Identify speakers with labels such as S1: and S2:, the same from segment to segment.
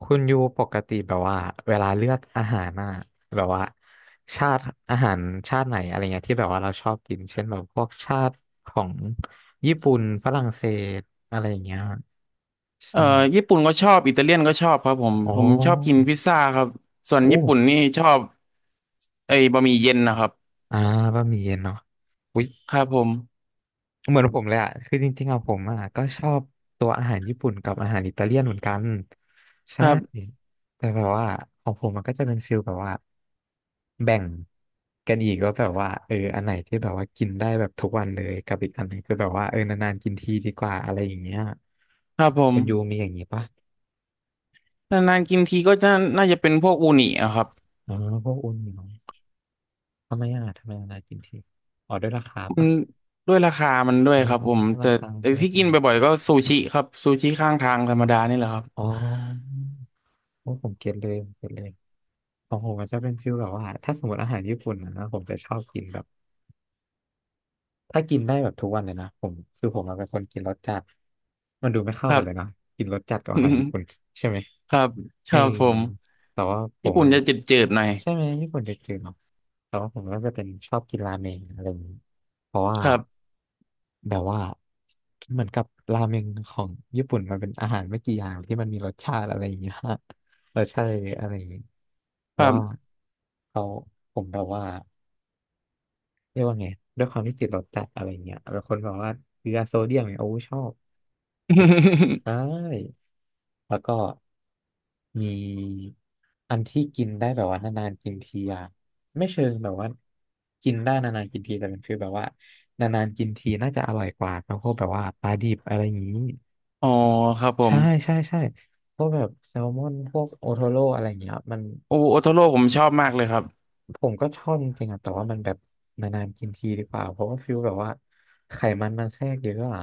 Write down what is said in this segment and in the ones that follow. S1: คุณยูปกติแบบว่าเวลาเลือกอาหารน่ะแบบว่าชาติอาหารชาติไหนอะไรเงี้ยที่แบบว่าเราชอบกินเช่นแบบพวกชาติของญี่ปุ่นฝรั่งเศสอะไรอย่างเงี้ย
S2: เอ่อ
S1: ใช่
S2: ญี่ปุ่นก็ชอบอิตาเลียนก็ชอบครับ
S1: อ๋อ
S2: ผมชอบกินพิซซ่าครับส่วน
S1: โอ้
S2: ญี่ปุ่นนี่ชอบไอ้บะหมี่เย็นนะครับ
S1: อ่าบะหมี่เย็นเนาะอุ๊ย
S2: ครับผม
S1: เหมือนผมเลยอ่ะคือจริงๆอะผมอ่ะก็ชอบตัวอาหารญี่ปุ่นกับอาหารอิตาเลียนเหมือนกัน
S2: ค
S1: ใช่
S2: รับ
S1: แต่แบบว่าของผมมันก็จะเป็นฟิลแบบว่าแบ่งกันอีกว่าแบบว่าเอออันไหนที่แบบว่ากินได้แบบทุกวันเลยกับอีกอันหนึงคือแบบว่าเออนานๆกินทีดีกว่าอะไรอย่างเงี้ย
S2: ครับผม
S1: คุณยูมีอย่างงี้ปะ
S2: นานๆกินทีก็น่าจะเป็นพวกอูนิอะครับ
S1: อ๋อพวกอุ่นเนาะทำไมอ่ะทำไมนานๆกินทีอ๋อด้วยราคา
S2: มั
S1: ปะ
S2: นด้วยราคามันด้วย
S1: อ๋อ
S2: ครับผม
S1: ราคา
S2: แต่
S1: ด้วย
S2: ที่
S1: ทำ
S2: กิน
S1: ไม
S2: บ่อยๆก็ซูชิครับซูชิข้างทางธรรมดานี่แหละครับ
S1: อ๋อโอ้ผมเก็ตเลยผมเก็ตเลย ของผมมันจะเป็นฟิลแบบว่าถ้าสมมติอาหารญี่ปุ่นนะผมจะชอบกินแบบ ถ้ากินได้แบบทุกวันเลยนะผมคือผมอะเป็นคนกินรสจัดมันดูไม่เข้า
S2: ครั
S1: กัน
S2: บ
S1: เลยเนาะกินรสจัดกับอาหารญี่ ปุ่นใช่ไหม
S2: ครับค
S1: เออ
S2: รับผม
S1: แต่ว่าผ
S2: ญี่
S1: ม
S2: ปุ่น
S1: อ่ะ
S2: จะจืดๆหน่อย
S1: ใช่ไหมญี่ปุ่นจะจืดเนาะแต่ว่าผมก็จะเป็นชอบกินราเมงอะไรอย่างนี้เพราะว่า
S2: ครับ
S1: แบบว่าเหมือนกับราเมงของญี่ปุ่นมันเป็นอาหารไม่กี่อย่างที่มันมีรสชาติอะไรอย่างเงี้ย รสชาติอะไรอย่างเงี้ยเพ
S2: ค
S1: ราะ
S2: รับ
S1: ว่าเขาผมแบบว่า เรียกว่าไงด้วยความที่ติดรสจัดอะไรเงี้ยแล้วคนบอกว่าเกลือโซเดียมเนี่ยโอ้ชอบสุด ๆใช่แล้วก็มีอันที่กินได้แบบว่านานๆกินทีอะไม่เชิงแบบว่ากินได้นานๆกินทีแต่มันคือแบบว่านานๆกินทีน่าจะอร่อยกว่าครับพวกแบบว่าปลาดิบอะไรอย่างนี้
S2: อ๋อครับผ
S1: ใช่
S2: ม
S1: ใช่ใช่พวกแบบแซลมอนพวกโอโทโร่อะไรอย่างเงี้ยมัน
S2: โอโอโทโร่ผมชอบมากเลยครับ
S1: ผมก็ชอบจริงๆอะแต่ว่ามันแบบนานๆกินทีดีกว่า เพราะว่าฟิลแบบว่าไขมันมันแทรกเยอะอะ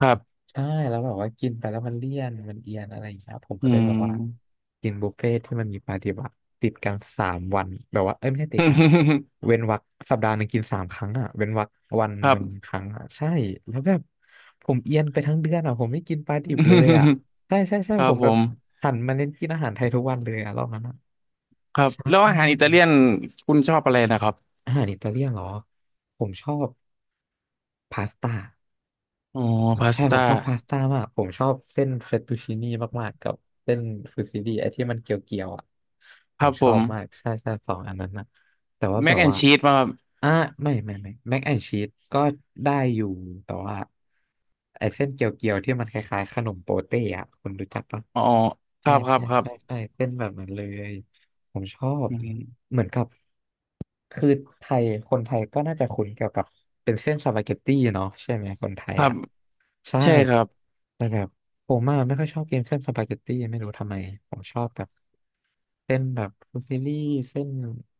S2: ครับ
S1: ใช่แล้วแบบว่ากินไปแล้วมันเลี่ยนมันเอียนอะไรอย่างเงี้ยผม
S2: อื
S1: เคยแบบว่า
S2: ม
S1: กินบุฟเฟ่ที่มันมีปาฏิบัติติดกันสามวันแบบว่าเอ้ยไม่ใช่ติดกันเว้นวรรคสัปดาห์หนึ่งกินสามครั้งอ่ะ เว้นวรรควัน
S2: ค
S1: ห
S2: รั
S1: นึ่งค
S2: บ
S1: รั้งอ่ะใช่แล้วแบบผมเอียนไปทั้งเดือนอ่ะผมไม่กินปลาดิบเลยอ่ะใช่ใช่ใช่
S2: ครั
S1: ผ
S2: บ
S1: ม
S2: ผ
S1: แบบ
S2: ม
S1: หันมาเน้นกินอาหารไทยทุกวันเลยอ่ะรอบนั้นอะ
S2: ครับ
S1: ใช่
S2: แล้วอาหารอิตาเลียนคุณชอบอะไรนะครับ
S1: อาหารอิตาเลียนเหรอผมชอบพาสต้า
S2: อ๋อพา
S1: ใช่
S2: ส
S1: ผ
S2: ต้า
S1: มชอบพาสต้ามากผมชอบเส้นเฟตตูชินี่มากๆกับเส้นฟูซิลี่ไอ้ที่มันเกลียวๆอ่ะผ
S2: ครั
S1: ม
S2: บ
S1: ช
S2: ผ
S1: อ
S2: ม
S1: บมากใช่ใช่สองอันนั้นนะแต่ว่า
S2: แม
S1: แบ
S2: ก
S1: บ
S2: แอน
S1: ว่า
S2: ชีสมาครับ
S1: อ่ะไม่ไม่ไม่แม็กแอนชีสก็ได้อยู่แต่ว่าไอ้เส้นเกลียวๆที่มันคล้ายๆขนมโปเต้อะคุณรู้จักปะ
S2: อ๋อค
S1: ใช่
S2: รับครับ
S1: ใช่
S2: ครับ
S1: ใช่ใช่เป็นแบบนั้นเลยผมชอบ
S2: อืม
S1: เหมือนกับคือไทยคนไทยก็น่าจะคุ้นเกี่ยวกับเป็นเส้นสปาเกตตี้เนาะใช่ไหมคนไท
S2: ค
S1: ย
S2: รับ
S1: อ่ะ ใช่
S2: ใช่ครับ
S1: แต่แบบผมอะไม่ค่อยชอบกินเส้นสปาเกตตี้ไม่รู้ทำไมผมชอบแบบเส้นแบบฟูซิลี่เส้น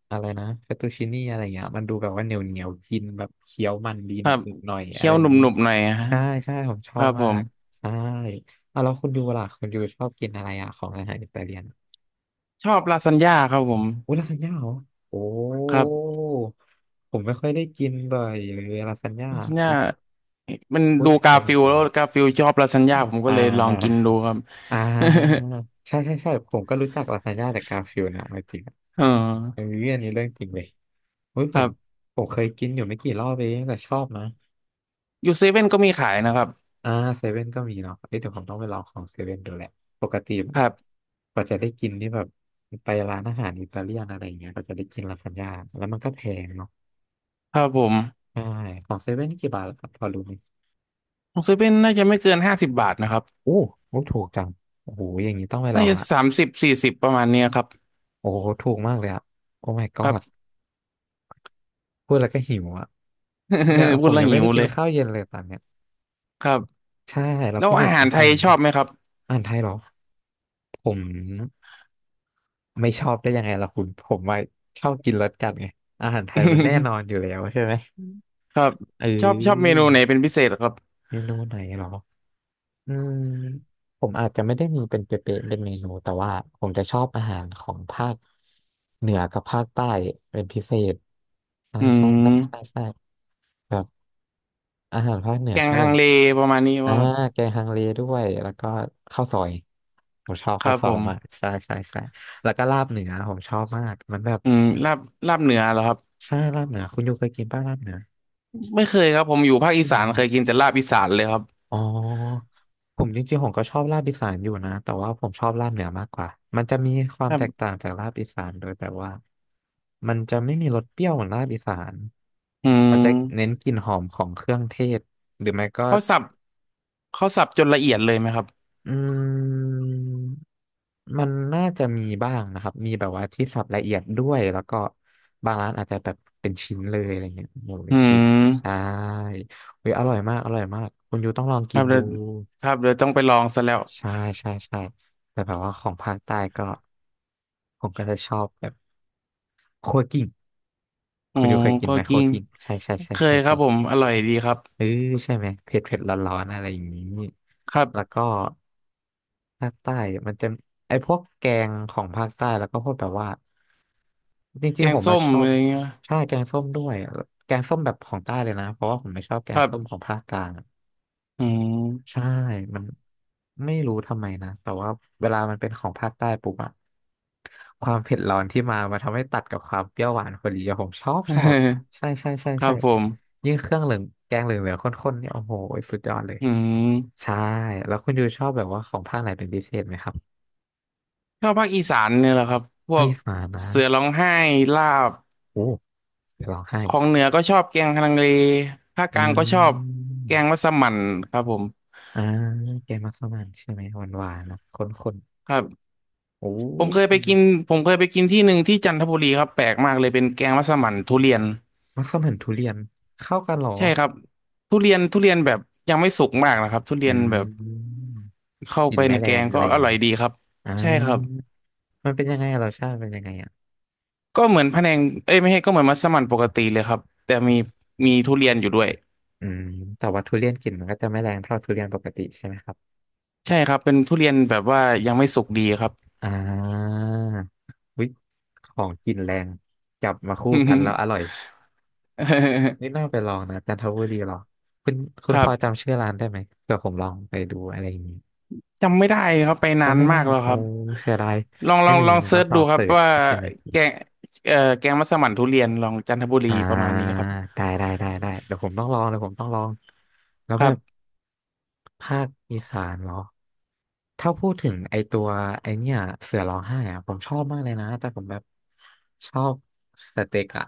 S1: อะไรนะเฟตตูชินี่อะไรเงี้ยมันดูแบบว่าเหนียวเหนียวกินแบบเคี้ยวมันดี
S2: ค
S1: หนึ
S2: รั
S1: บ
S2: บ
S1: หนึบหน่อยอะ
S2: เคี้ย
S1: ไร
S2: ว
S1: อ
S2: หน
S1: ย่างนี้
S2: ุบๆหน่อยฮะ
S1: ใช่ใช่ผมช
S2: ค
S1: อ
S2: รั
S1: บ
S2: บผ
S1: มา
S2: ม
S1: กใช่อ่ะแล้วคุณยูล่ะคุณยูชอบกินอะไรอ่ะของอาหารอิตาเลียน
S2: ชอบลาซานญ่าครับผม
S1: อุ้ยลาซานญ่าเหรอโอ้
S2: ครับ
S1: ผมไม่ค่อยได้กินบ่อยเลยลาซานญ่า
S2: ลาซานญ่า
S1: อุ๊ย
S2: มัน
S1: พูด
S2: ดู
S1: ถึงไป
S2: กา
S1: อยา
S2: ฟิ
S1: ก
S2: ล
S1: ล
S2: แล้
S1: อ
S2: ว
S1: ง
S2: กาฟิลชอบลาซานญ่าผม
S1: อ่
S2: ก็เลยลองกิน
S1: า
S2: ดูครับ
S1: อ่าใช่ใช่ใช่ผมก็รู้จักลาซานญ่าจากกาฟิลด์นะเอาจริงอะ
S2: เอ๋อ
S1: อันนี้อันนี้เรื่องจริงเลยเฮ้ย
S2: ค
S1: ผ
S2: รั
S1: ม
S2: บ
S1: เคยกินอยู่ไม่กี่รอบเองแต่ชอบนะ
S2: อยู่เซเว่นก็มีขายนะครับ
S1: อ่าเซเว่นก็มีเนาะเอ้ยเดี๋ยวผมต้องไปลองของเซเว่นดูแหละปกติแบ
S2: ค
S1: บ
S2: รับ
S1: กว่าจะได้กินนี่แบบไปร้านอาหารอิตาเลียนอะไรอย่างเงี้ยก็จะได้กินลาซานญ่าแล้วมันก็แพงเนาะ
S2: ครับผม
S1: ใช่ของเซเว่นนี่กี่บาทล่ะครับพอรู้ไหม
S2: ของเซเว่นน่าจะไม่เกิน50 บาทนะครับ
S1: โอ้โหถูกจังโอ้โหอย่างนี้ต้องไปล
S2: น่า
S1: อง
S2: จะ
S1: ละ
S2: 30 40ประมาณเนี้ยครับ
S1: โอ้โหถูกมากเลยอะโอ้ my
S2: ครับ
S1: god พูดแล้วก็หิวอ่ะเนี่ย
S2: พู
S1: ผ
S2: ด
S1: ม
S2: แล้ว
S1: ยัง
S2: หิ
S1: ไม่ได้
S2: ว
S1: กิ
S2: เล
S1: น
S2: ย
S1: ข้าวเย็นเลยตอนเนี้ย
S2: ครับ
S1: ใช่เลา
S2: แล้
S1: คุ
S2: ว
S1: ณอ
S2: อา
S1: ยู่
S2: หา
S1: กิ
S2: ร
S1: น
S2: ไท
S1: ข้าว
S2: ย
S1: เย็น
S2: ช
S1: ไหม
S2: อบไหมครับ
S1: อาหารไทยเหรอผมไม่ชอบได้ยังไงล่ะคุณผมว่าชอบกินรสจัดไงอาหารไทยมันแน่นอนอยู่แล้วใช่ไหม
S2: ครับ
S1: เอ
S2: ชอบชอบเม
S1: อ
S2: นูไหนเป็นพิเศษเหรอครับ
S1: เมนูไหนเหรออืมผมอาจจะไม่ได้มีเป็นเป๊ะๆเป็นเมนูแต่ว่าผมจะชอบอาหารของภาคเหนือกับภาคใต้เป็นพิเศษใช่
S2: อื
S1: ใช่ใช่ใช่
S2: ม
S1: ใช่แบบอาหารภาคเหนือ
S2: แกง
S1: ก็
S2: ฮั
S1: แบ
S2: ง
S1: บ
S2: เลประมาณนี้
S1: อ่า
S2: ว่าครับ
S1: แกงฮังเลด้วยแล้วก็ข้าวซอยผมชอบ
S2: ค
S1: ข้า
S2: รั
S1: ว
S2: บ
S1: ซ
S2: ผ
S1: อย
S2: ม
S1: มากใช่ใช่ใช่แล้วก็ลาบเหนือผมชอบมากมันแบบ
S2: อืมลาบลาบเหนือเหรอครับ
S1: ใช่ลาบเหนือคุณยูเคยกินป้าลาบเหนือ
S2: ไม่เคยครับผมอยู่ภาคอี
S1: อ
S2: สา
S1: ม
S2: นเคยกิ
S1: อ
S2: นแต่ลาบอีสานเลยครับ
S1: อ๋อผมจริงๆผมก็ชอบลาบอีสานอยู่นะแต่ว่าผมชอบลาบเหนือมากกว่ามันจะมีควา
S2: ค
S1: ม
S2: รั
S1: แตกต่า
S2: บ
S1: งจากลาบอีสานโดยแบบว่ามันจะไม่มีรสเปรี้ยวเหมือนลาบอีสาน
S2: อื
S1: มัน
S2: ม
S1: จะเน้นกลิ่นหอมของเครื่องเทศหรือไม่ก็
S2: เขาสับเขาสับจนละเอียดเลยไหมครับ
S1: อืม มันน่าจะมีบ้างนะครับมีแบบว่าที่สับละเอียดด้วยแล้วก็บางร้านอาจจะแบบเป็นชิ้นเลยอะไรเงี้ยหมูเป็
S2: อื
S1: นชิ้นใช่
S2: ม
S1: เฮ้ยอร่อยมากอร่อยมาก คุณยูต้องลอง
S2: ค
S1: กิ
S2: รั
S1: น
S2: บเดี๋
S1: ดู
S2: ยวครับเดี๋ยวต้องไปลองซะแล้ว
S1: ใช่ใช่ใช่แต่แบบว่าของภาคใต้ก็ผมก็จะชอบแบบคั่วกลิ้ง
S2: อ๋อ
S1: คุณยูเคยกิน
S2: ก็
S1: ไหม
S2: จิ
S1: คั่ว
S2: น
S1: กลิ้งใช่ใช่ใช่
S2: เค
S1: ใช่
S2: ยครั
S1: ใช่
S2: บผมอร่อยดีครับ
S1: เออใช่ไหมเผ็ดเผ็ดร้อนๆอะไรอย่างนี้
S2: ครับ
S1: แล้วก็ภาคใต้มันจะไอพวกแกงของภาคใต้แล้วก็พวกแบบว่าจ
S2: แก
S1: ริงๆผ
S2: ง
S1: ม
S2: ส้
S1: มา
S2: ม
S1: ชอ
S2: อะ
S1: บ
S2: ไรเงี้ย
S1: ใช่แกงส้มด้วยแกงส้มแบบของใต้เลยนะเพราะว่าผมไม่ชอบแก
S2: ค
S1: ง
S2: รั
S1: ส้มข
S2: บ
S1: องภาคกลาง
S2: อืม
S1: ใช่ มันไม่รู้ทำไมนะแต่ว่าเวลามันเป็นของภาคใต้ปุ๊บอะความเผ็ดร้อนที่มาทำให้ตัดกับความเปรี้ยวหวานพอดีอะผมชอบ ใช่ใช่ใช่
S2: ครั
S1: ใช่
S2: บผม
S1: ยิ่งเครื่องเหลืองแกงเหลืองเหลืองข้นๆเนี่ยโอ้โหสุดยอดเลย
S2: อืม
S1: ใช่ แล้วคุณยูชอบแบบว่าของภาคไหนเป็นพิเศษไหมครับ
S2: ชอบภาคอีสานเนี่ยแหละครับพว
S1: ภาค
S2: ก
S1: อีสานนะ
S2: เสือร้องไห้ลาบ
S1: โอ้เดี๋ยวร้องไห้
S2: ของเหนือก็ชอบแกงฮังเลภาค
S1: อื
S2: กลางก็ชอบแกงมั
S1: ม
S2: สมั่นครับผม
S1: อ่าแกงมัสมั่นใช่ไหมหวานๆนะข้น
S2: ครับ
S1: ๆ โอ้
S2: ผม
S1: ย
S2: เคยไปกินเคยไปกินที่หนึ่งที่จันทบุรีครับแปลกมากเลยเป็นแกงมัสมั่นทุเรียน
S1: มัสมั่นทุเรียนเข้ากันเหรอ
S2: ใช่ครับทุเรียนแบบยังไม่สุกมากนะครับทุ
S1: อื
S2: เรียนแบบ
S1: ม
S2: เข้า
S1: กลิ่
S2: ไป
S1: นไม่
S2: ใน
S1: แร
S2: แก
S1: ง
S2: ง
S1: อะ
S2: ก็
S1: ไรอ
S2: อ
S1: ย่าง
S2: ร่อ
S1: นี้
S2: ยดีครับ
S1: อ่า
S2: ใช่ครับ
S1: มันเป็นยังไงอะรสชาติเป็นยังไงอ่ะ
S2: ก็เหมือนพะแนงเอ้ยไม่ใช่ก็เหมือนมัสมั่นปกติเลยครับแต่มีทุเรียนอยู่ด้วย
S1: อืมแต่ว่าทุเรียนกลิ่นมันก็จะไม่แรงเท่าทุเรียนปกติใช่ไหมครับ
S2: ใช่ครับเป็นทุเรียนแบบว่ายังไม่สุกดีครับ
S1: อ่าวิของกินแรงจับมาคู่กันแล้วอร่อย นี่น่าไปลองนะจันทบุรีหรอคุณคุ
S2: ค
S1: ณพ
S2: รั
S1: อ
S2: บ
S1: จำชื่อร้านได้ไหมเผื่อผมลองไปดูอะไรอย่างนี้
S2: จำไม่ได้ครับไปนา
S1: จำ
S2: น
S1: ไม่ได้
S2: มากแล้ว
S1: โอ้
S2: ครับ
S1: เสียดาย
S2: ลอง
S1: งั้นอย่าง
S2: ลอ
S1: นี้
S2: ง
S1: เดี๋ยว
S2: เซิ
S1: ต้อ
S2: ร์
S1: ง
S2: ช
S1: ลอ
S2: ดู
S1: ง
S2: ครั
S1: เสิ
S2: บ
S1: ร์ช
S2: ว่า
S1: ใช่ไหม
S2: แกงแกงมัสมั่นทุเรียนลองจันทบุรี
S1: อ่
S2: ประมาณ
S1: า
S2: นี้ครับ
S1: ได้ได้ได้ได้เดี๋ยวผมต้องลองเดี๋ยวผมต้องลองแล้ว
S2: ค
S1: แบ
S2: รั
S1: บ
S2: บ
S1: ภาคอีสานเหรอถ้าพูดถึงไอตัวไอเนี่ยเสือร้องไห้อะผมชอบมากเลยนะ แต่ผมแบบชอบสเต็กอะ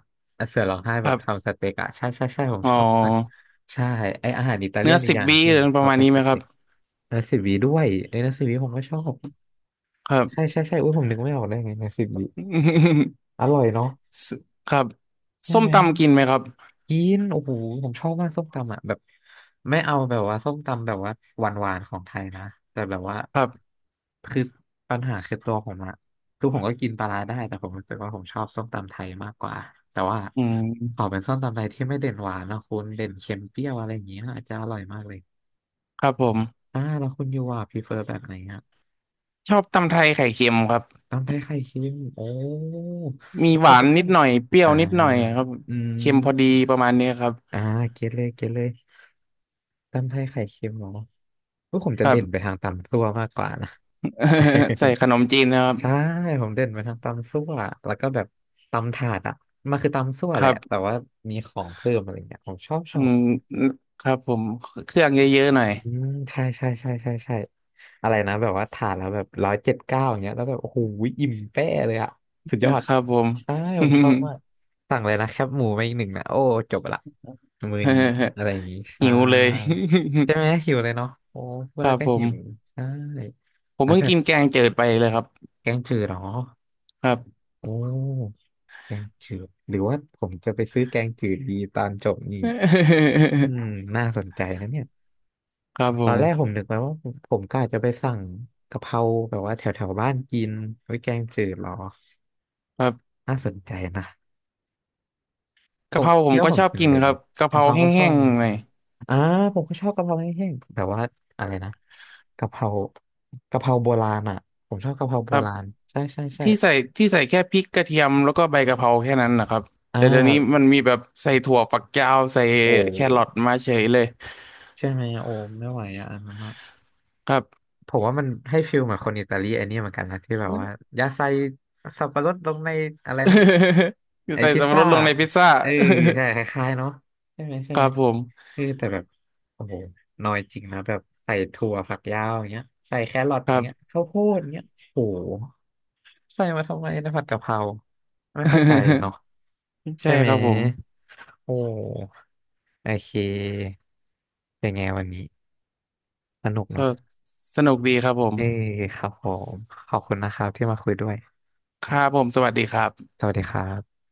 S1: เสือร้องไห้
S2: ค
S1: แบบ
S2: รับ
S1: ทำสเต็กอะใช่ใช่ใช่ ผม
S2: อ๋
S1: ชอบมาก
S2: อ
S1: ใช่ไออาหารอิตาเลี
S2: เนื้
S1: ย
S2: อ
S1: นอีก
S2: สิ
S1: อ
S2: บ
S1: ย่างห
S2: วิ
S1: นึ่งที่
S2: อะ
S1: ผ
S2: ไร
S1: ม
S2: อป
S1: ชอ
S2: ระ
S1: บ
S2: มาณ
S1: ก็
S2: นี้
S1: ส
S2: ไหมค
S1: เต็
S2: รับ
S1: กนาซิบีด้วยไอนาซิบีผมก็ชอบ
S2: ครับ
S1: ใช่ใช่ใช่อุ้ยผมนึกไม่ออกได้ไงนาซิบี อร่อยเนาะ
S2: สครับ
S1: ใช่
S2: ส้ม
S1: ไหม
S2: ตำกินไหมครับ
S1: กินโอ้โหผมชอบมากส้มตำอ่ะแบบไม่เอาแบบว่าส้มตำแบบว่าหวานๆของไทยนะแต่แบบว่า
S2: ครับ
S1: คือปัญหาคือตัวผมอะคือผมก็กินปลาร้าได้แต่ผมรู้สึกว่าผมชอบส้มตำไทยมากกว่าแต่ว่า
S2: อื
S1: ขอ
S2: ม
S1: เป็นส้มตำไทยที่ไม่เด่นหวานนะคุณเด่นเค็มเปรี้ยวอะไรอย่างเงี้ยอาจจะอร่อยมากเลย
S2: ครับผม
S1: แล้วคุณยูอ่ะพรีเฟอร์แบบไหนอะ
S2: ชอบตำไทยไข่เค็มครับ
S1: ตำไทยไข่เค็มโอ้
S2: มี
S1: แล้ว
S2: ห
S1: ผ
S2: วา
S1: ม
S2: น
S1: ก็ต้
S2: นิ
S1: อง
S2: ดหน่อยเปรี้ย
S1: อ่า
S2: วนิดหน่อยครับ
S1: อืม
S2: เค็มพอดีประมาณนี้ครับ
S1: อ่าเก็ตเลยเก็ตเลยตำไทยไข่เค็มเหรอพวกผมจะ
S2: ครั
S1: เด่
S2: บ
S1: นไปทางตำซั่วมากกว่านะ
S2: ใส่ขนมจีนนะครับ
S1: ใช่ผมเด่นไปทางตำซั่วแล้วก็แบบตำถาดอ่ะมันคือตำซั่ว
S2: ค
S1: แห
S2: รั
S1: ละ
S2: บ
S1: แต่ว่ามีของเพิ่มอะไรเงี้ยผมชอบช
S2: อื
S1: อบ
S2: มครับผมเครื่องเยอะๆหน่อย
S1: อืมใช่ใช่ใช่ใช่ใช่อะไรนะแบบว่าทานแล้วแบบ179อย่างเงี้ยแล้วแบบโอ้โหอิ่มแป้เลยอะสุดยอด
S2: ครับผม
S1: ใช่ผมชอบมากสั่งเลยนะแคบหมูมาอีกหนึ่งนะโอ้จบละมือนี้อะไรอย่างงี้ ใช่
S2: หิวเลย
S1: ใช่ไหมหิวเลยเนาะโอ้พู
S2: ค
S1: ดแล้
S2: รั
S1: ว
S2: บ
S1: ก็
S2: ผ
S1: หิว
S2: ม
S1: ใช่
S2: ผม
S1: แล้ว
S2: เพิ่ง
S1: แบบ
S2: กินแกงจืดไปเลยครับ
S1: แกงจืดเหรอ
S2: ครับ
S1: โอ้แกงจืดหรือว่าผมจะไปซื้อแกงจืดดีตอนจบนี่อื มน่าสนใจนะเนี่ย
S2: ครับผ
S1: ตอนแรกผ
S2: ม
S1: มนึกไว้ว่าผมก็อาจจะไปสั่งกะเพราแบบว่าแถวแถวบ้านกินไว้แกงจืดหรอ
S2: ครับ
S1: น่าสนใจนะผ
S2: กะเพ
S1: ม
S2: ราผ
S1: คิด
S2: ม
S1: ว่า
S2: ก็
S1: ผ
S2: ช
S1: ม
S2: อบ
S1: กิน
S2: กิน
S1: เลย
S2: ครับกะเพ
S1: กะ
S2: รา
S1: เพราก็ชอ
S2: แห้
S1: บ
S2: ง
S1: นะ
S2: ๆหน่อย
S1: อ่าผมก็ชอบกะเพราแห้งๆแบบว่าอะไรนะกะเพรากะเพราโบราณอ่ะผมชอบกะเพรา
S2: ค
S1: โบ
S2: รับ
S1: ราณใช่ใช่ใช่
S2: ที่ใส่ที่ใส่แค่พริกกระเทียมแล้วก็ใบกะเพราแค่นั้นนะครับ
S1: อ่า
S2: แต่เดี๋ยวนี้มันมีแบบใส่ถั่วฝักยาวใส่
S1: โอ้
S2: แครอทมาเฉยเลย
S1: ใช่ไหมโอ้ไม่ไหวอ่ะอันนั้นอะ
S2: ครับ
S1: ผมว่ามันให้ฟิลเหมือนคนอิตาลีไอันนี้เหมือนกันนะที่แบบว่ายาใส่สับปะรดลงในอะไรนะ
S2: คือ
S1: ไอ
S2: ใส่
S1: พิซ
S2: สับปะร
S1: ซ่า
S2: ดลงในพิซซ่า
S1: เออใช่คล้ายๆเนาะใช่ไหม ใช่
S2: ค
S1: ไห
S2: รั
S1: ม
S2: บผม
S1: เออแต่แบบโอ้โหน้อยจริงนะแบบใส่ถั่วฝักยาวอย่างเงี้ยใส่แครอท
S2: ค
S1: อ
S2: รั
S1: ย่าง
S2: บ
S1: เงี้ยข้าวโพดอย่างเงี้ยโอ้โหใส่มาทำไมนะผัดกะเพราไม่เข้าใจเนาะ
S2: ใช่
S1: ใช่ไหม
S2: ครับผม
S1: โอ้โอเคเป็นไงวันนี้สนุก
S2: ก็
S1: เนาะ
S2: สนุกดีครับผม
S1: เออครับผมขอบคุณนะครับที่มาคุยด้วย
S2: ครับผมสวัสดีครับ
S1: สวัสดีครับ